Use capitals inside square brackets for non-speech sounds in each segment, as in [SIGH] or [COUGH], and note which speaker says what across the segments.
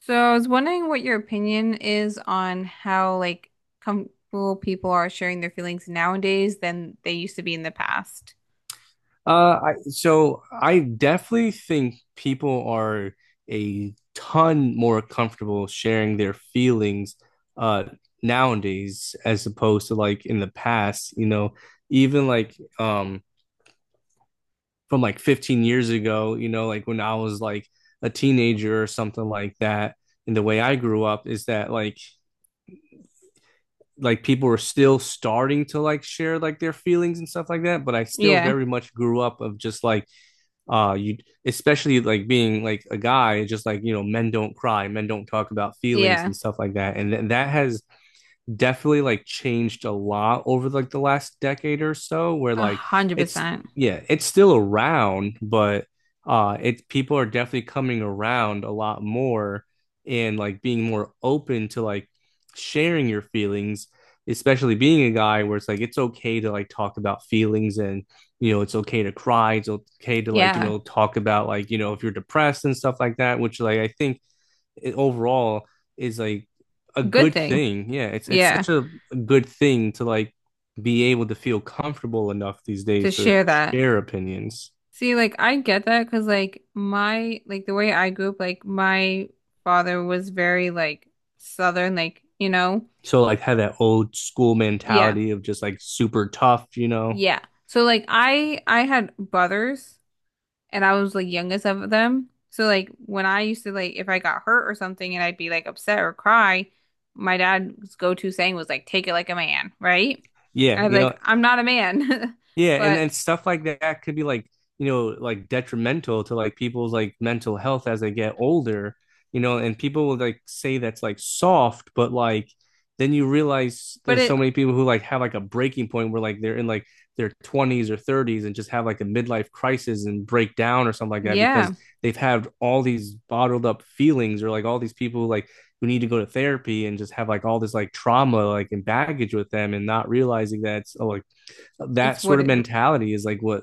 Speaker 1: So I was wondering what your opinion is on how like comfortable people are sharing their feelings nowadays than they used to be in the past.
Speaker 2: Uh, so I definitely think people are a ton more comfortable sharing their feelings uh nowadays as opposed to like in the past, even like from like 15 years ago, like when I was like a teenager or something like that. And the way I grew up is that like people were still starting to like share like their feelings and stuff like that, but I still
Speaker 1: Yeah.
Speaker 2: very much grew up of just like you especially like being like a guy, just like, men don't cry, men don't talk about feelings
Speaker 1: Yeah.
Speaker 2: and stuff like that, and that has definitely like changed a lot over like the last decade or so, where
Speaker 1: A
Speaker 2: like
Speaker 1: hundred
Speaker 2: it's
Speaker 1: percent.
Speaker 2: yeah, it's still around, but it people are definitely coming around a lot more and like being more open to like sharing your feelings, especially being a guy where it's like it's okay to like talk about feelings, and it's okay to cry, it's okay to like
Speaker 1: Yeah.
Speaker 2: talk about like if you're depressed and stuff like that, which like I think it overall is like a
Speaker 1: Good
Speaker 2: good
Speaker 1: thing.
Speaker 2: thing. Yeah, it's
Speaker 1: Yeah.
Speaker 2: such a good thing to like be able to feel comfortable enough these
Speaker 1: To
Speaker 2: days to
Speaker 1: share that.
Speaker 2: share opinions.
Speaker 1: See, like I get that because like my like the way I grew up, like my father was very like southern, like, you know.
Speaker 2: So like have that old school
Speaker 1: Yeah.
Speaker 2: mentality of just like super tough,
Speaker 1: Yeah. So like I had brothers and I was like youngest of them. So like when I used to like if I got hurt or something and I'd be like upset or cry, my dad's go-to saying was like take it like a man, right?
Speaker 2: Yeah,
Speaker 1: And I'd be like I'm not a man. [LAUGHS]
Speaker 2: yeah, and
Speaker 1: But
Speaker 2: and stuff like that could be like, like detrimental to like people's like mental health as they get older, and people will like say that's like soft, but like then you realize
Speaker 1: but
Speaker 2: there's so
Speaker 1: it
Speaker 2: many people who like have like a breaking point where like they're in like their 20s or 30s and just have like a midlife crisis and break down or something like that, because
Speaker 1: yeah,
Speaker 2: they've had all these bottled up feelings, or like all these people like who need to go to therapy and just have like all this like trauma like and baggage with them, and not realizing that it's, oh, like that
Speaker 1: it's what
Speaker 2: sort of
Speaker 1: it
Speaker 2: mentality is like what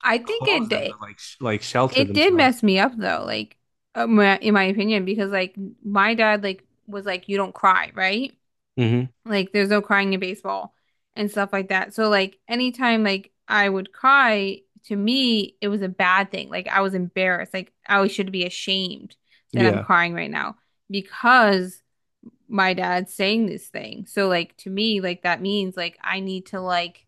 Speaker 1: I think it
Speaker 2: caused them
Speaker 1: d-
Speaker 2: to like like shelter
Speaker 1: It did mess
Speaker 2: themselves.
Speaker 1: me up though, like my- in my opinion because like my dad like was like you don't cry, right?
Speaker 2: Hmm.
Speaker 1: Like there's no crying in baseball and stuff like that. So like anytime like I would cry, to me it was a bad thing. Like I was embarrassed. Like I should be ashamed that I'm
Speaker 2: Yeah,
Speaker 1: crying right now because my dad's saying this thing. So like to me like that means like I need to like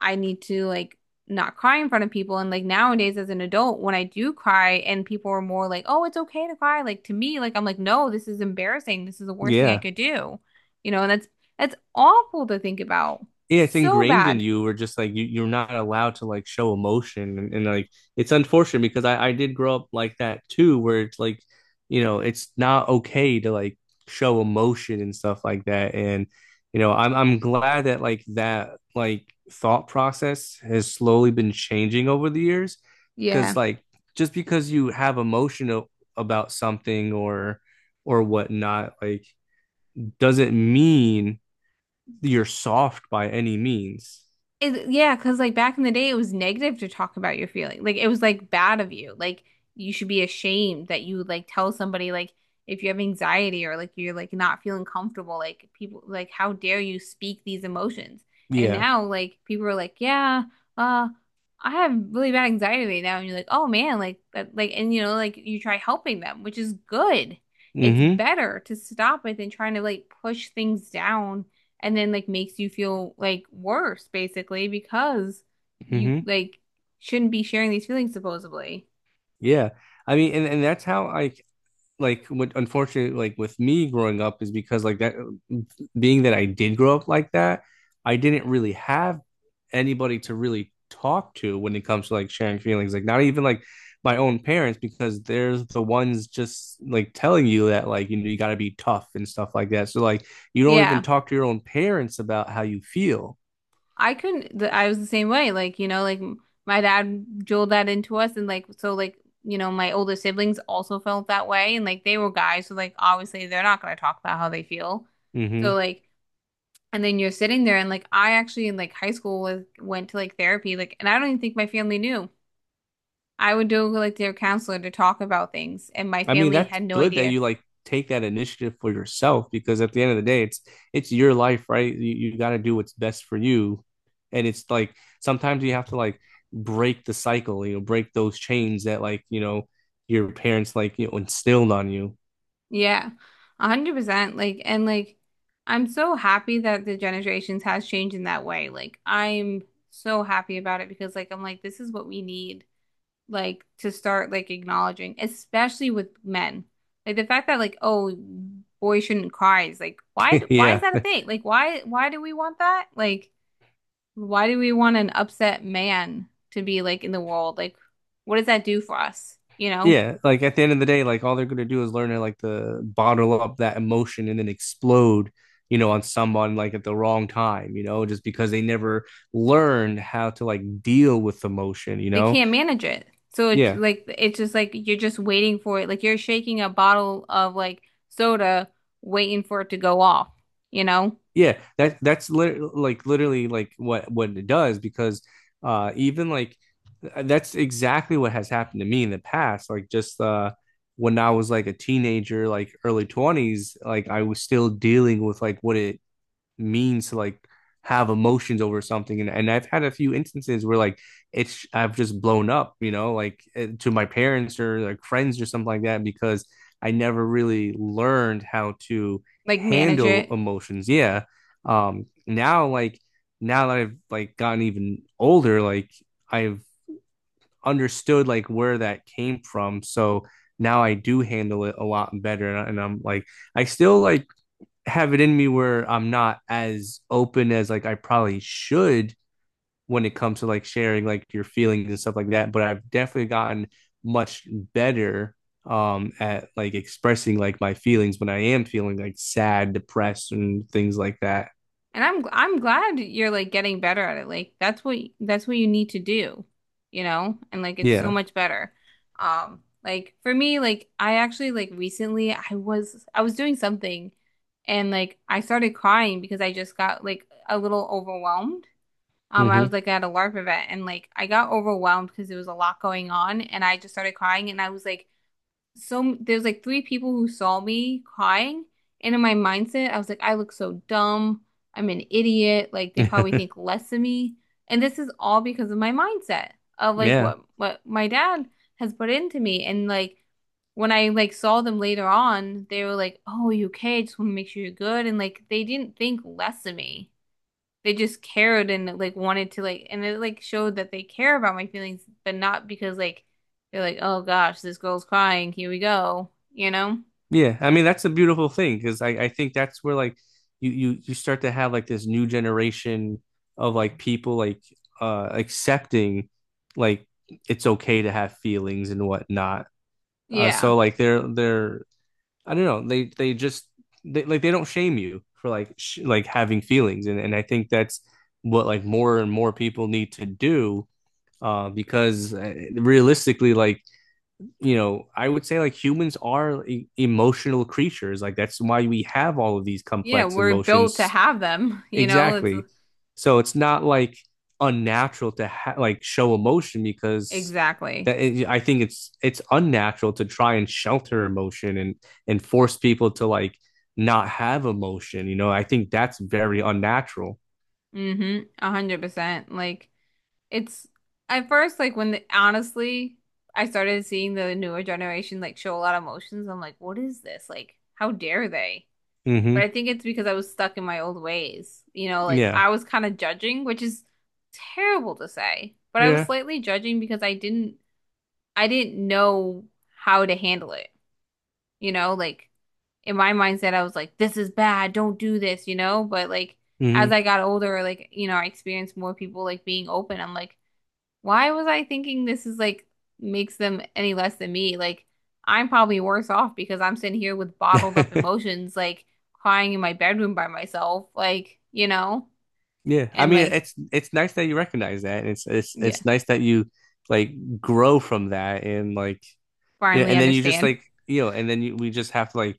Speaker 1: I need to like not cry in front of people. And like nowadays as an adult, when I do cry and people are more like, oh, it's okay to cry. Like to me, like I'm like, no, this is embarrassing. This is the worst thing I
Speaker 2: yeah.
Speaker 1: could do. You know, and that's awful to think about.
Speaker 2: Yeah, it's
Speaker 1: So
Speaker 2: ingrained in
Speaker 1: bad.
Speaker 2: you. Or just like you're not allowed to like show emotion, and like it's unfortunate, because I did grow up like that too, where it's like, it's not okay to like show emotion and stuff like that. And I'm glad that that thought process has slowly been changing over the years,
Speaker 1: Yeah.
Speaker 2: because like just because you have emotion about something or whatnot, like, doesn't mean you're soft by any means.
Speaker 1: It, yeah, because like back in the day, it was negative to talk about your feeling. Like it was like bad of you. Like you should be ashamed that you would like tell somebody like if you have anxiety or like you're like not feeling comfortable. Like people like how dare you speak these emotions? And
Speaker 2: Yeah.
Speaker 1: now like people are like, yeah, uh, I have really bad anxiety right now, and you're like, oh man, like that, like and you know like you try helping them, which is good. It's
Speaker 2: Mm-hmm.
Speaker 1: better to stop it than trying to like push things down and then like makes you feel like worse basically because you
Speaker 2: Mm-hmm.
Speaker 1: like shouldn't be sharing these feelings supposedly.
Speaker 2: Yeah. I mean, and that's how I, like, what, unfortunately, like with me growing up is, because like that, being that I did grow up like that, I didn't really have anybody to really talk to when it comes to like sharing feelings. Like, not even like my own parents, because they're the ones just like telling you that like you got to be tough and stuff like that. So like, you don't even
Speaker 1: Yeah.
Speaker 2: talk to your own parents about how you feel.
Speaker 1: I couldn't th- I was the same way like you know like my dad drilled that into us and like so like you know my older siblings also felt that way and like they were guys so like obviously they're not going to talk about how they feel. So like and then you're sitting there and like I actually in like high school was went to like therapy like and I don't even think my family knew. I would go like their counselor to talk about things, and my
Speaker 2: I mean,
Speaker 1: family
Speaker 2: that's
Speaker 1: had no
Speaker 2: good that
Speaker 1: idea.
Speaker 2: you like take that initiative for yourself, because at the end of the day, it's your life, right? You got to do what's best for you, and it's like sometimes you have to like break the cycle, break those chains that like your parents like instilled on you.
Speaker 1: Yeah, 100%. Like, and like, I'm so happy that the generations has changed in that way. Like, I'm so happy about it because, like, I'm like, this is what we need, like, to start like acknowledging, especially with men. Like the fact that like, oh, boys shouldn't cry is like, why?
Speaker 2: [LAUGHS]
Speaker 1: Why is
Speaker 2: Yeah,
Speaker 1: that a thing? Like, why? Why do we want that? Like. Why do we want an upset man to be like in the world? Like, what does that do for us? You know,
Speaker 2: yeah. Like at the end of the day, like all they're gonna do is learn to like the bottle up that emotion and then explode, on someone like at the wrong time, just because they never learned how to like deal with emotion, you
Speaker 1: they
Speaker 2: know.
Speaker 1: can't manage it. So it's
Speaker 2: Yeah.
Speaker 1: like it's just like you're just waiting for it. Like you're shaking a bottle of like soda, waiting for it to go off. You know,
Speaker 2: Yeah. That's lit like literally like what it does, because even like that's exactly what has happened to me in the past. Like, just when I was like a teenager, like early 20s, like I was still dealing with like what it means to like have emotions over something, and I've had a few instances where like it's I've just blown up, like to my parents or like friends or something like that, because I never really learned how to
Speaker 1: like manage
Speaker 2: handle
Speaker 1: it.
Speaker 2: emotions. Yeah. Now like, now that I've like gotten even older, like I've understood like where that came from. So now I do handle it a lot better, and, and I'm like, I still like have it in me where I'm not as open as like I probably should when it comes to like sharing like your feelings and stuff like that. But I've definitely gotten much better at like expressing like my feelings when I am feeling like sad, depressed, and things like that.
Speaker 1: And I'm glad you're like getting better at it. Like that's what you need to do, you know? And like it's so
Speaker 2: Yeah.
Speaker 1: much better. Like for me, like I actually like recently I was doing something and like I started crying because I just got like a little overwhelmed. I was like at a LARP event and like I got overwhelmed because there was a lot going on and I just started crying and I was like so there's like 3 people who saw me crying, and in my mindset, I was like, I look so dumb. I'm an idiot. Like they probably
Speaker 2: Mm-hmm.
Speaker 1: think less of me. And this is all because of my mindset of like
Speaker 2: [LAUGHS] Yeah.
Speaker 1: what my dad has put into me. And like when I like saw them later on, they were like, "Oh, are you okay? I just want to make sure you're good." And like they didn't think less of me, they just cared and like wanted to like and it like showed that they care about my feelings, but not because like they're like, oh gosh, this girl's crying, here we go, you know?
Speaker 2: Yeah, I mean, that's a beautiful thing, because I think that's where like you start to have like this new generation of like people, like, accepting, like, it's okay to have feelings and whatnot.
Speaker 1: Yeah.
Speaker 2: So like, they're I don't know, they just, they don't shame you for like sh like having feelings, and I think that's what like more and more people need to do, because realistically, like, I would say like humans are emotional creatures. Like, that's why we have all of these
Speaker 1: Yeah,
Speaker 2: complex
Speaker 1: we're built to
Speaker 2: emotions.
Speaker 1: have them, [LAUGHS] you know? It's
Speaker 2: Exactly. So it's not like unnatural to like show emotion, because
Speaker 1: exactly.
Speaker 2: I think it's unnatural to try and shelter emotion and force people to like not have emotion. You know, I think that's very unnatural.
Speaker 1: Mm-hmm. 100%. Like it's at first like when the, honestly I started seeing the newer generation like show a lot of emotions, I'm like, what is this? Like, how dare they? But
Speaker 2: Hmm.
Speaker 1: I think it's because I was stuck in my old ways. You know, like
Speaker 2: Yeah.
Speaker 1: I was kind of judging, which is terrible to say, but I was
Speaker 2: Yeah.
Speaker 1: slightly judging because I didn't know how to handle it. You know, like in my mindset I was like this is bad, don't do this, you know, but like as
Speaker 2: Hmm.
Speaker 1: I got older, like you know, I experienced more people like being open. I'm like why was I thinking this is like makes them any less than me? Like I'm probably worse off because I'm sitting here with bottled up
Speaker 2: [LAUGHS]
Speaker 1: emotions, like crying in my bedroom by myself, like, you know,
Speaker 2: Yeah, I
Speaker 1: and
Speaker 2: mean,
Speaker 1: like,
Speaker 2: it's nice that you recognize that, and it's it's
Speaker 1: yeah,
Speaker 2: it's nice that you like grow from that, and like
Speaker 1: finally
Speaker 2: and then you just
Speaker 1: understand.
Speaker 2: like and then we just have to like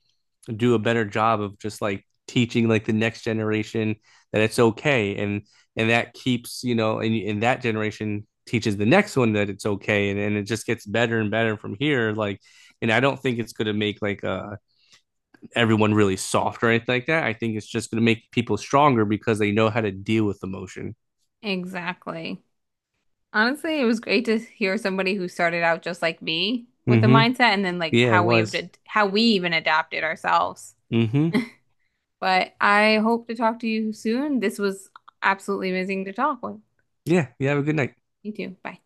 Speaker 2: do a better job of just like teaching like the next generation that it's okay, and that keeps, and that generation teaches the next one that it's okay, and it just gets better and better from here, like. And I don't think it's going to make like everyone really soft or anything like that. I think it's just going to make people stronger because they know how to deal with emotion.
Speaker 1: Exactly. Honestly, it was great to hear somebody who started out just like me with the
Speaker 2: Mm-hmm.
Speaker 1: mindset and then like
Speaker 2: Yeah, it
Speaker 1: how we have
Speaker 2: was.
Speaker 1: to, how we even adapted ourselves.
Speaker 2: Hmm.
Speaker 1: But I hope to talk to you soon. This was absolutely amazing to talk with.
Speaker 2: Yeah, you have a good night.
Speaker 1: You too. Bye.